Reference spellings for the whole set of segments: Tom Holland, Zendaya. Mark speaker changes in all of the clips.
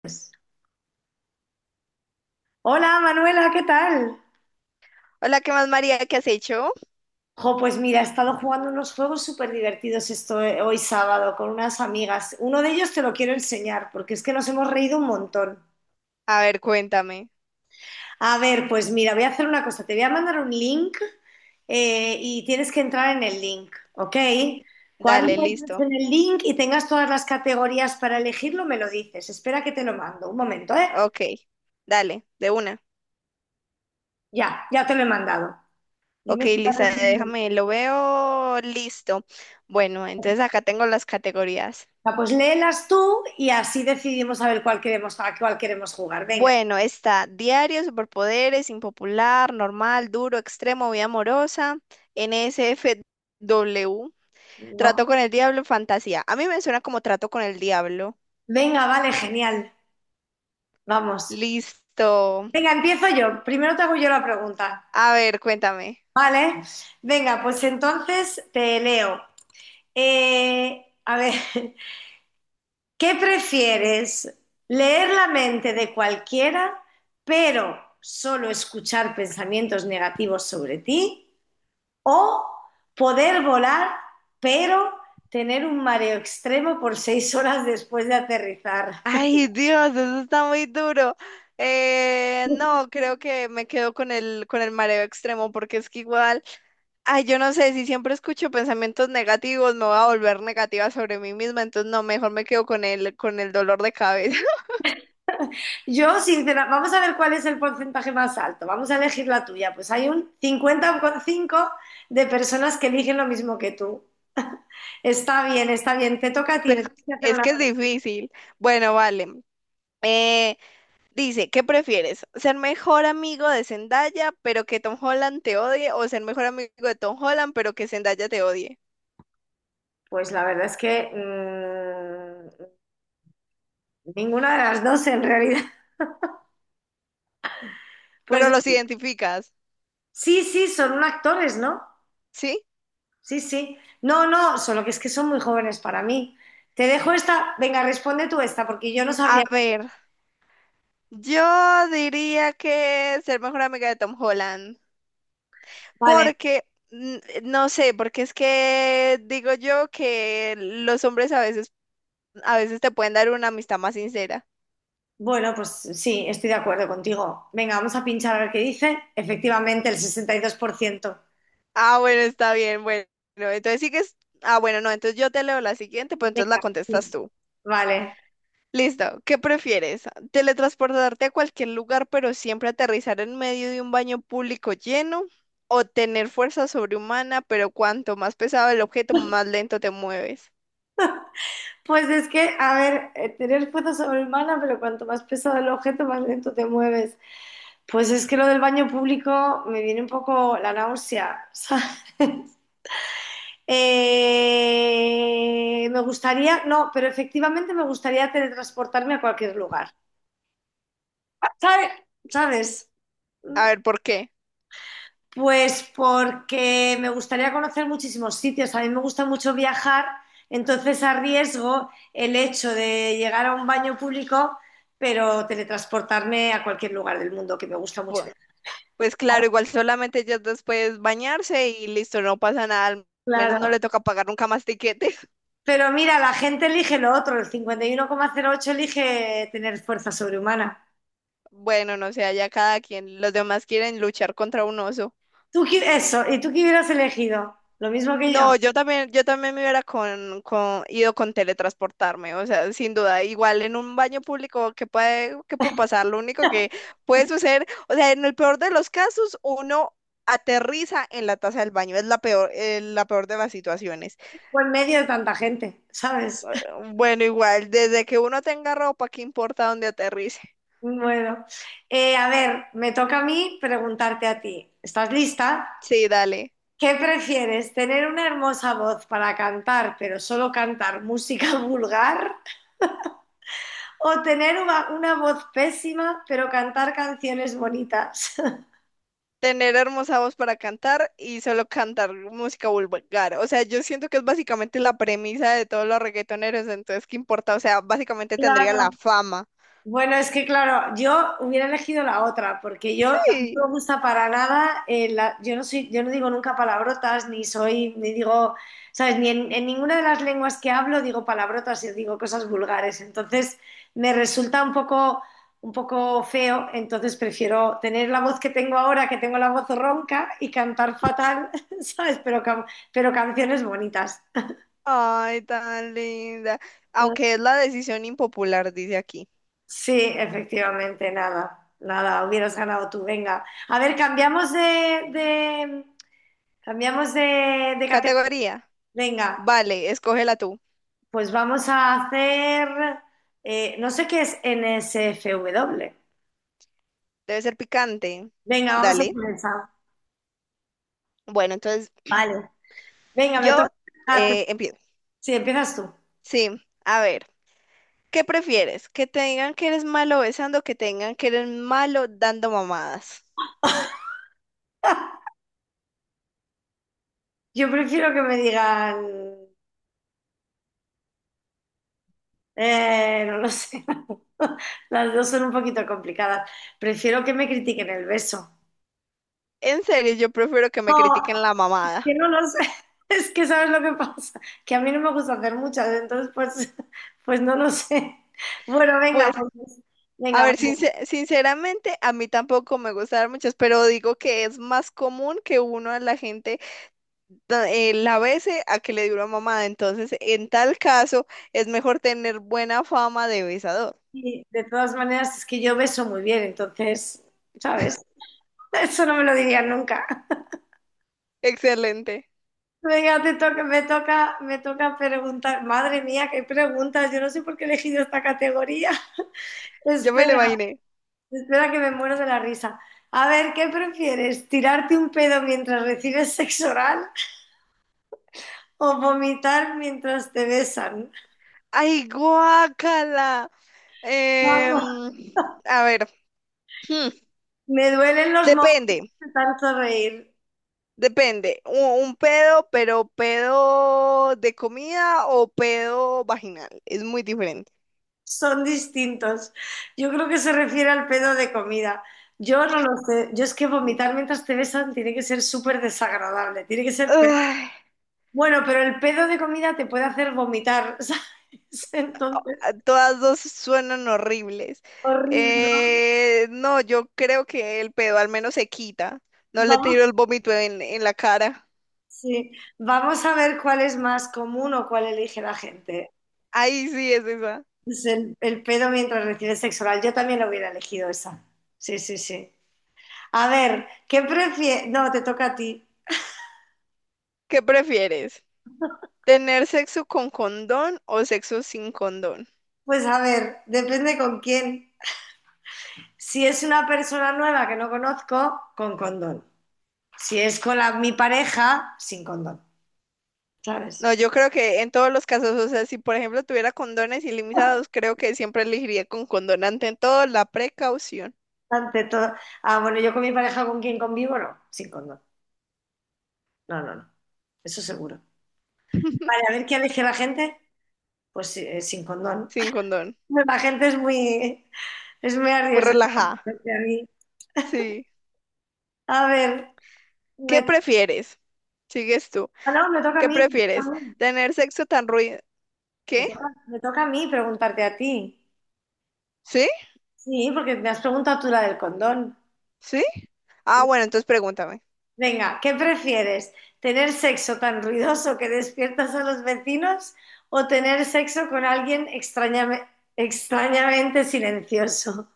Speaker 1: Pues, hola Manuela, ¿qué tal?
Speaker 2: Hola, ¿qué más, María? ¿Qué has hecho?
Speaker 1: Jo, pues mira, he estado jugando unos juegos súper divertidos esto, hoy sábado con unas amigas. Uno de ellos te lo quiero enseñar porque es que nos hemos reído un montón.
Speaker 2: A ver, cuéntame.
Speaker 1: A ver, pues mira, voy a hacer una cosa. Te voy a mandar un link, y tienes que entrar en el link, ¿ok?
Speaker 2: Dale,
Speaker 1: Cuando entres
Speaker 2: listo.
Speaker 1: en el link y tengas todas las categorías para elegirlo, me lo dices. Espera que te lo mando. Un momento, ¿eh?
Speaker 2: Ok, dale, de una.
Speaker 1: Ya, ya te lo he mandado.
Speaker 2: Ok,
Speaker 1: Dime si lo has
Speaker 2: Lisa.
Speaker 1: recibido.
Speaker 2: Déjame, lo veo listo. Bueno, entonces acá tengo las categorías.
Speaker 1: Ah, pues léelas tú y así decidimos a ver cuál queremos, a cuál queremos jugar. Venga,
Speaker 2: Bueno, está diario, superpoderes, impopular, normal, duro, extremo, vida amorosa, NSFW,
Speaker 1: no.
Speaker 2: trato con el diablo, fantasía. A mí me suena como trato con el diablo.
Speaker 1: Venga, vale, genial. Vamos.
Speaker 2: Listo.
Speaker 1: Venga, empiezo yo. Primero te hago yo la pregunta.
Speaker 2: A ver, cuéntame.
Speaker 1: Vale. Venga, pues entonces te leo. A ver, ¿qué prefieres? ¿Leer la mente de cualquiera, pero solo escuchar pensamientos negativos sobre ti? O poder volar, pero tener un mareo extremo por 6 horas después de aterrizar.
Speaker 2: Ay, Dios, eso está muy duro. No, creo que me quedo con el mareo extremo, porque es que igual, ay, yo no sé, si siempre escucho pensamientos negativos, me voy a volver negativa sobre mí misma, entonces no, mejor me quedo con el dolor de cabeza.
Speaker 1: Yo, sinceramente, vamos a ver cuál es el porcentaje más alto. Vamos a elegir la tuya. Pues hay un 50,5 de personas que eligen lo mismo que tú. Está bien, está bien. Te toca a ti.
Speaker 2: Pues
Speaker 1: Me tienes que hacer
Speaker 2: es
Speaker 1: una
Speaker 2: que es
Speaker 1: pregunta.
Speaker 2: difícil. Bueno, vale. Eh, dice, ¿qué prefieres? ¿Ser mejor amigo de Zendaya, pero que Tom Holland te odie? ¿O ser mejor amigo de Tom Holland, pero que Zendaya te odie?
Speaker 1: Pues la verdad es que ninguna de las dos en realidad. Pues
Speaker 2: Pero los identificas,
Speaker 1: sí, sí, son actores, ¿no?
Speaker 2: ¿sí?
Speaker 1: Sí, sí. No, no, solo que es que son muy jóvenes para mí. Te dejo esta, venga, responde tú esta, porque yo no
Speaker 2: A
Speaker 1: sabría.
Speaker 2: ver, yo diría que ser mejor amiga de Tom Holland,
Speaker 1: Vale,
Speaker 2: porque no sé, porque es que digo yo que los hombres a veces te pueden dar una amistad más sincera.
Speaker 1: bueno, pues sí, estoy de acuerdo contigo. Venga, vamos a pinchar a ver qué dice. Efectivamente, el 62%.
Speaker 2: Ah, bueno, está bien, bueno. Entonces sigues. Ah, bueno, no, entonces yo te leo la siguiente, pues entonces la
Speaker 1: Venga,
Speaker 2: contestas
Speaker 1: sí.
Speaker 2: tú.
Speaker 1: Vale.
Speaker 2: Listo, ¿qué prefieres? ¿Teletransportarte a cualquier lugar pero siempre aterrizar en medio de un baño público lleno? ¿O tener fuerza sobrehumana pero cuanto más pesado el objeto, más lento te mueves?
Speaker 1: Pues es que, a ver, tener fuerza sobrehumana, pero cuanto más pesado el objeto, más lento te mueves. Pues es que lo del baño público me viene un poco la náusea, ¿sabes? Me gustaría, no, pero efectivamente me gustaría teletransportarme a cualquier lugar. ¿Sabe- ¿Sabes?
Speaker 2: A ver, ¿por qué?
Speaker 1: Pues porque me gustaría conocer muchísimos sitios. A mí me gusta mucho viajar, entonces arriesgo el hecho de llegar a un baño público, pero teletransportarme a cualquier lugar del mundo, que me gusta mucho
Speaker 2: Bueno,
Speaker 1: viajar.
Speaker 2: pues claro, igual solamente ellas dos puedes bañarse y listo, no pasa nada, al menos no
Speaker 1: Claro.
Speaker 2: le toca pagar nunca más tiquetes.
Speaker 1: Pero mira, la gente elige lo otro, el 51,08 elige tener fuerza sobrehumana.
Speaker 2: Bueno, no sé, allá cada quien, los demás quieren luchar contra un oso.
Speaker 1: Eso, ¿y tú qué hubieras elegido? Lo mismo que yo.
Speaker 2: No, yo también me hubiera ido con teletransportarme, o sea, sin duda, igual en un baño público, ¿qué puede pasar? Lo único que puede suceder, o sea, en el peor de los casos, uno aterriza en la taza del baño, es la peor de las situaciones.
Speaker 1: Fue en medio de tanta gente, ¿sabes?
Speaker 2: Bueno, igual, desde que uno tenga ropa, ¿qué importa dónde aterrice?
Speaker 1: Bueno, a ver, me toca a mí preguntarte a ti. ¿Estás lista?
Speaker 2: Sí, dale.
Speaker 1: ¿Qué prefieres, tener una hermosa voz para cantar, pero solo cantar música vulgar? ¿O tener una voz pésima, pero cantar canciones bonitas?
Speaker 2: Tener hermosa voz para cantar y solo cantar música vulgar. O sea, yo siento que es básicamente la premisa de todos los reggaetoneros, entonces, ¿qué importa? O sea, básicamente tendría la
Speaker 1: Claro.
Speaker 2: fama.
Speaker 1: Bueno, es que claro, yo hubiera elegido la otra, porque yo no
Speaker 2: Sí.
Speaker 1: me gusta para nada, yo no soy, yo no digo nunca palabrotas, ni soy, ni digo, ¿sabes? Ni en, en ninguna de las lenguas que hablo digo palabrotas y digo cosas vulgares. Entonces me resulta un poco feo, entonces prefiero tener la voz que tengo ahora, que tengo la voz ronca, y cantar fatal, ¿sabes? Pero canciones bonitas.
Speaker 2: Ay, tan linda. Aunque es la decisión impopular, dice aquí.
Speaker 1: Sí, efectivamente, nada, nada, hubieras ganado tú, venga. A ver, cambiamos de categoría.
Speaker 2: Categoría.
Speaker 1: Venga,
Speaker 2: Vale, escógela tú.
Speaker 1: pues vamos a hacer, no sé qué es NSFW.
Speaker 2: Debe ser picante.
Speaker 1: Venga, vamos a
Speaker 2: Dale.
Speaker 1: hacer esa.
Speaker 2: Bueno, entonces
Speaker 1: Vale. Venga, me
Speaker 2: yo
Speaker 1: toca. Ah, te-
Speaker 2: empiezo.
Speaker 1: sí, empiezas tú.
Speaker 2: Sí, a ver. ¿Qué prefieres? ¿Que te digan que eres malo besando o que te digan que eres malo dando mamadas?
Speaker 1: Yo prefiero que me digan, no lo sé, las dos son un poquito complicadas. Prefiero que me critiquen el beso.
Speaker 2: En serio, yo prefiero que me
Speaker 1: No,
Speaker 2: critiquen la
Speaker 1: que
Speaker 2: mamada.
Speaker 1: no lo sé. Es que sabes lo que pasa, que a mí no me gusta hacer muchas, entonces pues, pues no lo sé. Bueno, venga,
Speaker 2: Pues,
Speaker 1: pues,
Speaker 2: a
Speaker 1: venga, vale.
Speaker 2: ver, sinceramente, a mí tampoco me gustan muchas, pero digo que es más común que uno a la gente la bese a que le dé una mamada. Entonces, en tal caso, es mejor tener buena fama de besador.
Speaker 1: Y de todas maneras es que yo beso muy bien, entonces, ¿sabes? Eso no me lo diría nunca.
Speaker 2: Excelente.
Speaker 1: Venga, te toca, me toca, me toca preguntar. Madre mía, qué preguntas. Yo no sé por qué he elegido esta categoría.
Speaker 2: Yo me lo
Speaker 1: Espera,
Speaker 2: imaginé.
Speaker 1: espera que me muero de la risa. A ver, ¿qué prefieres? ¿Tirarte un pedo mientras recibes sexo oral o vomitar mientras te besan?
Speaker 2: ¡Ay, guácala!
Speaker 1: Vamos,
Speaker 2: Em, a ver, hmm,
Speaker 1: me duelen los
Speaker 2: depende.
Speaker 1: momentos de tanto reír.
Speaker 2: Depende, un pedo, pero pedo de comida o pedo vaginal. Es muy diferente.
Speaker 1: Son distintos. Yo creo que se refiere al pedo de comida. Yo no lo sé. Yo es que
Speaker 2: Mm,
Speaker 1: vomitar mientras te besan tiene que ser súper desagradable. Tiene que ser peor.
Speaker 2: Ay,
Speaker 1: Bueno, pero el pedo de comida te puede hacer vomitar, ¿sabes? Entonces,
Speaker 2: todas dos suenan horribles.
Speaker 1: horrible, ¿no?
Speaker 2: No, yo creo que el pedo al menos se quita. No le
Speaker 1: Vamos,
Speaker 2: tiro el vómito en la cara.
Speaker 1: sí. Vamos a ver cuál es más común o cuál elige la gente.
Speaker 2: Ahí sí es esa.
Speaker 1: Es el pedo mientras recibes sexo oral. Yo también lo hubiera elegido esa. Sí, sí, sí. A ver, ¿qué prefieres? No, te toca a ti.
Speaker 2: ¿Qué prefieres? ¿Tener sexo con condón o sexo sin condón?
Speaker 1: Pues a ver, depende con quién. Si es una persona nueva que no conozco, con condón. Si es con la- mi pareja, sin condón. ¿Sabes?
Speaker 2: No, yo creo que en todos los casos, o sea, si por ejemplo tuviera condones ilimitados, creo que siempre elegiría con condón. Ante todo, la precaución,
Speaker 1: Ante todo. Ah, bueno, yo con mi pareja con quién convivo, no, sin condón. No, no, no. Eso seguro. Vale, a ver qué elige la gente. Pues sí, sin condón.
Speaker 2: sin condón.
Speaker 1: La gente es muy
Speaker 2: Muy
Speaker 1: arriesgada.
Speaker 2: relajada.
Speaker 1: porque a mí-
Speaker 2: Sí.
Speaker 1: A ver,
Speaker 2: ¿Qué
Speaker 1: me to-
Speaker 2: prefieres? Sigues tú.
Speaker 1: ah, no, me toca a
Speaker 2: ¿Qué
Speaker 1: mí.
Speaker 2: prefieres? ¿Tener sexo tan ruido? ¿Qué?
Speaker 1: Me toca a mí preguntarte a ti.
Speaker 2: ¿Sí?
Speaker 1: Sí, porque me has preguntado tú la del condón.
Speaker 2: ¿Sí? Ah,
Speaker 1: Sí.
Speaker 2: bueno, entonces pregúntame.
Speaker 1: Venga, ¿qué prefieres? ¿Tener sexo tan ruidoso que despiertas a los vecinos o tener sexo con alguien extrañamente silencioso?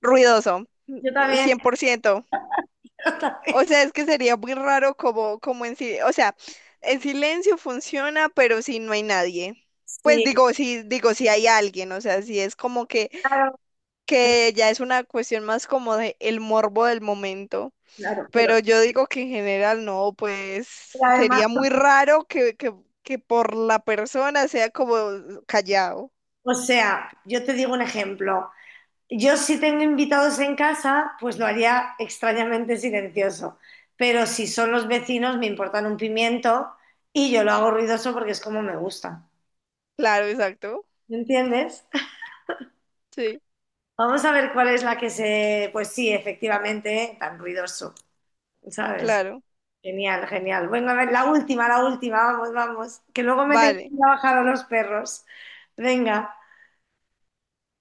Speaker 2: Ruidoso,
Speaker 1: Yo también,
Speaker 2: 100%. O sea, es que sería muy raro como, en silencio. O sea, el silencio funciona, pero si no hay nadie. Pues
Speaker 1: sí,
Speaker 2: digo, si hay alguien, o sea, si es como que
Speaker 1: claro,
Speaker 2: que ya es una cuestión más como de el morbo del momento.
Speaker 1: claro,
Speaker 2: Pero yo digo que en general no, pues
Speaker 1: pero además,
Speaker 2: sería muy raro que por la persona sea como callado.
Speaker 1: o sea, yo te digo un ejemplo. Yo si tengo invitados en casa, pues lo haría extrañamente silencioso. Pero si son los vecinos, me importan un pimiento y yo lo hago ruidoso porque es como me gusta.
Speaker 2: Claro, exacto.
Speaker 1: ¿Me entiendes?
Speaker 2: Sí,
Speaker 1: Vamos a ver cuál es la que se... Pues sí, efectivamente, tan ruidoso, ¿sabes?
Speaker 2: claro.
Speaker 1: Genial, genial. Bueno, a ver, la última, vamos, vamos. Que luego me tengo
Speaker 2: Vale.
Speaker 1: que ir a bajar a los perros. Venga.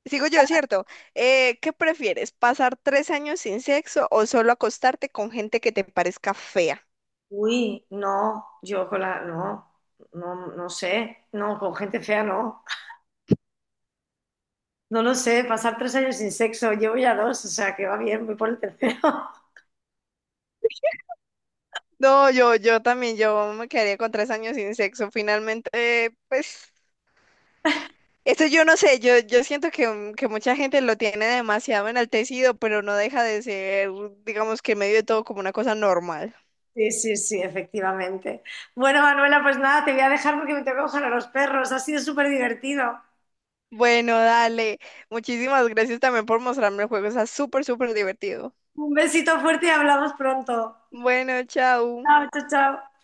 Speaker 2: Sigo yo, ¿cierto? ¿Qué prefieres? ¿Pasar 3 años sin sexo o solo acostarte con gente que te parezca fea?
Speaker 1: Uy, no, yo con la... No, no, no sé. No, con gente fea no. No lo sé, pasar 3 años sin sexo, llevo ya dos, o sea que va bien, voy por el tercero.
Speaker 2: No, yo también, yo me quedaría con 3 años sin sexo. Finalmente, pues esto yo no sé, yo siento que mucha gente lo tiene demasiado enaltecido, pero no deja de ser, digamos que en medio de todo como una cosa normal.
Speaker 1: Sí, sí, sí, efectivamente. Bueno, Manuela, pues nada, te voy a dejar porque me tengo que coger a los perros. Ha sido súper divertido.
Speaker 2: Bueno, dale. Muchísimas gracias también por mostrarme el juego. Está súper, súper divertido.
Speaker 1: Un besito fuerte y hablamos pronto.
Speaker 2: Bueno, chao.
Speaker 1: Chao, chao, chao.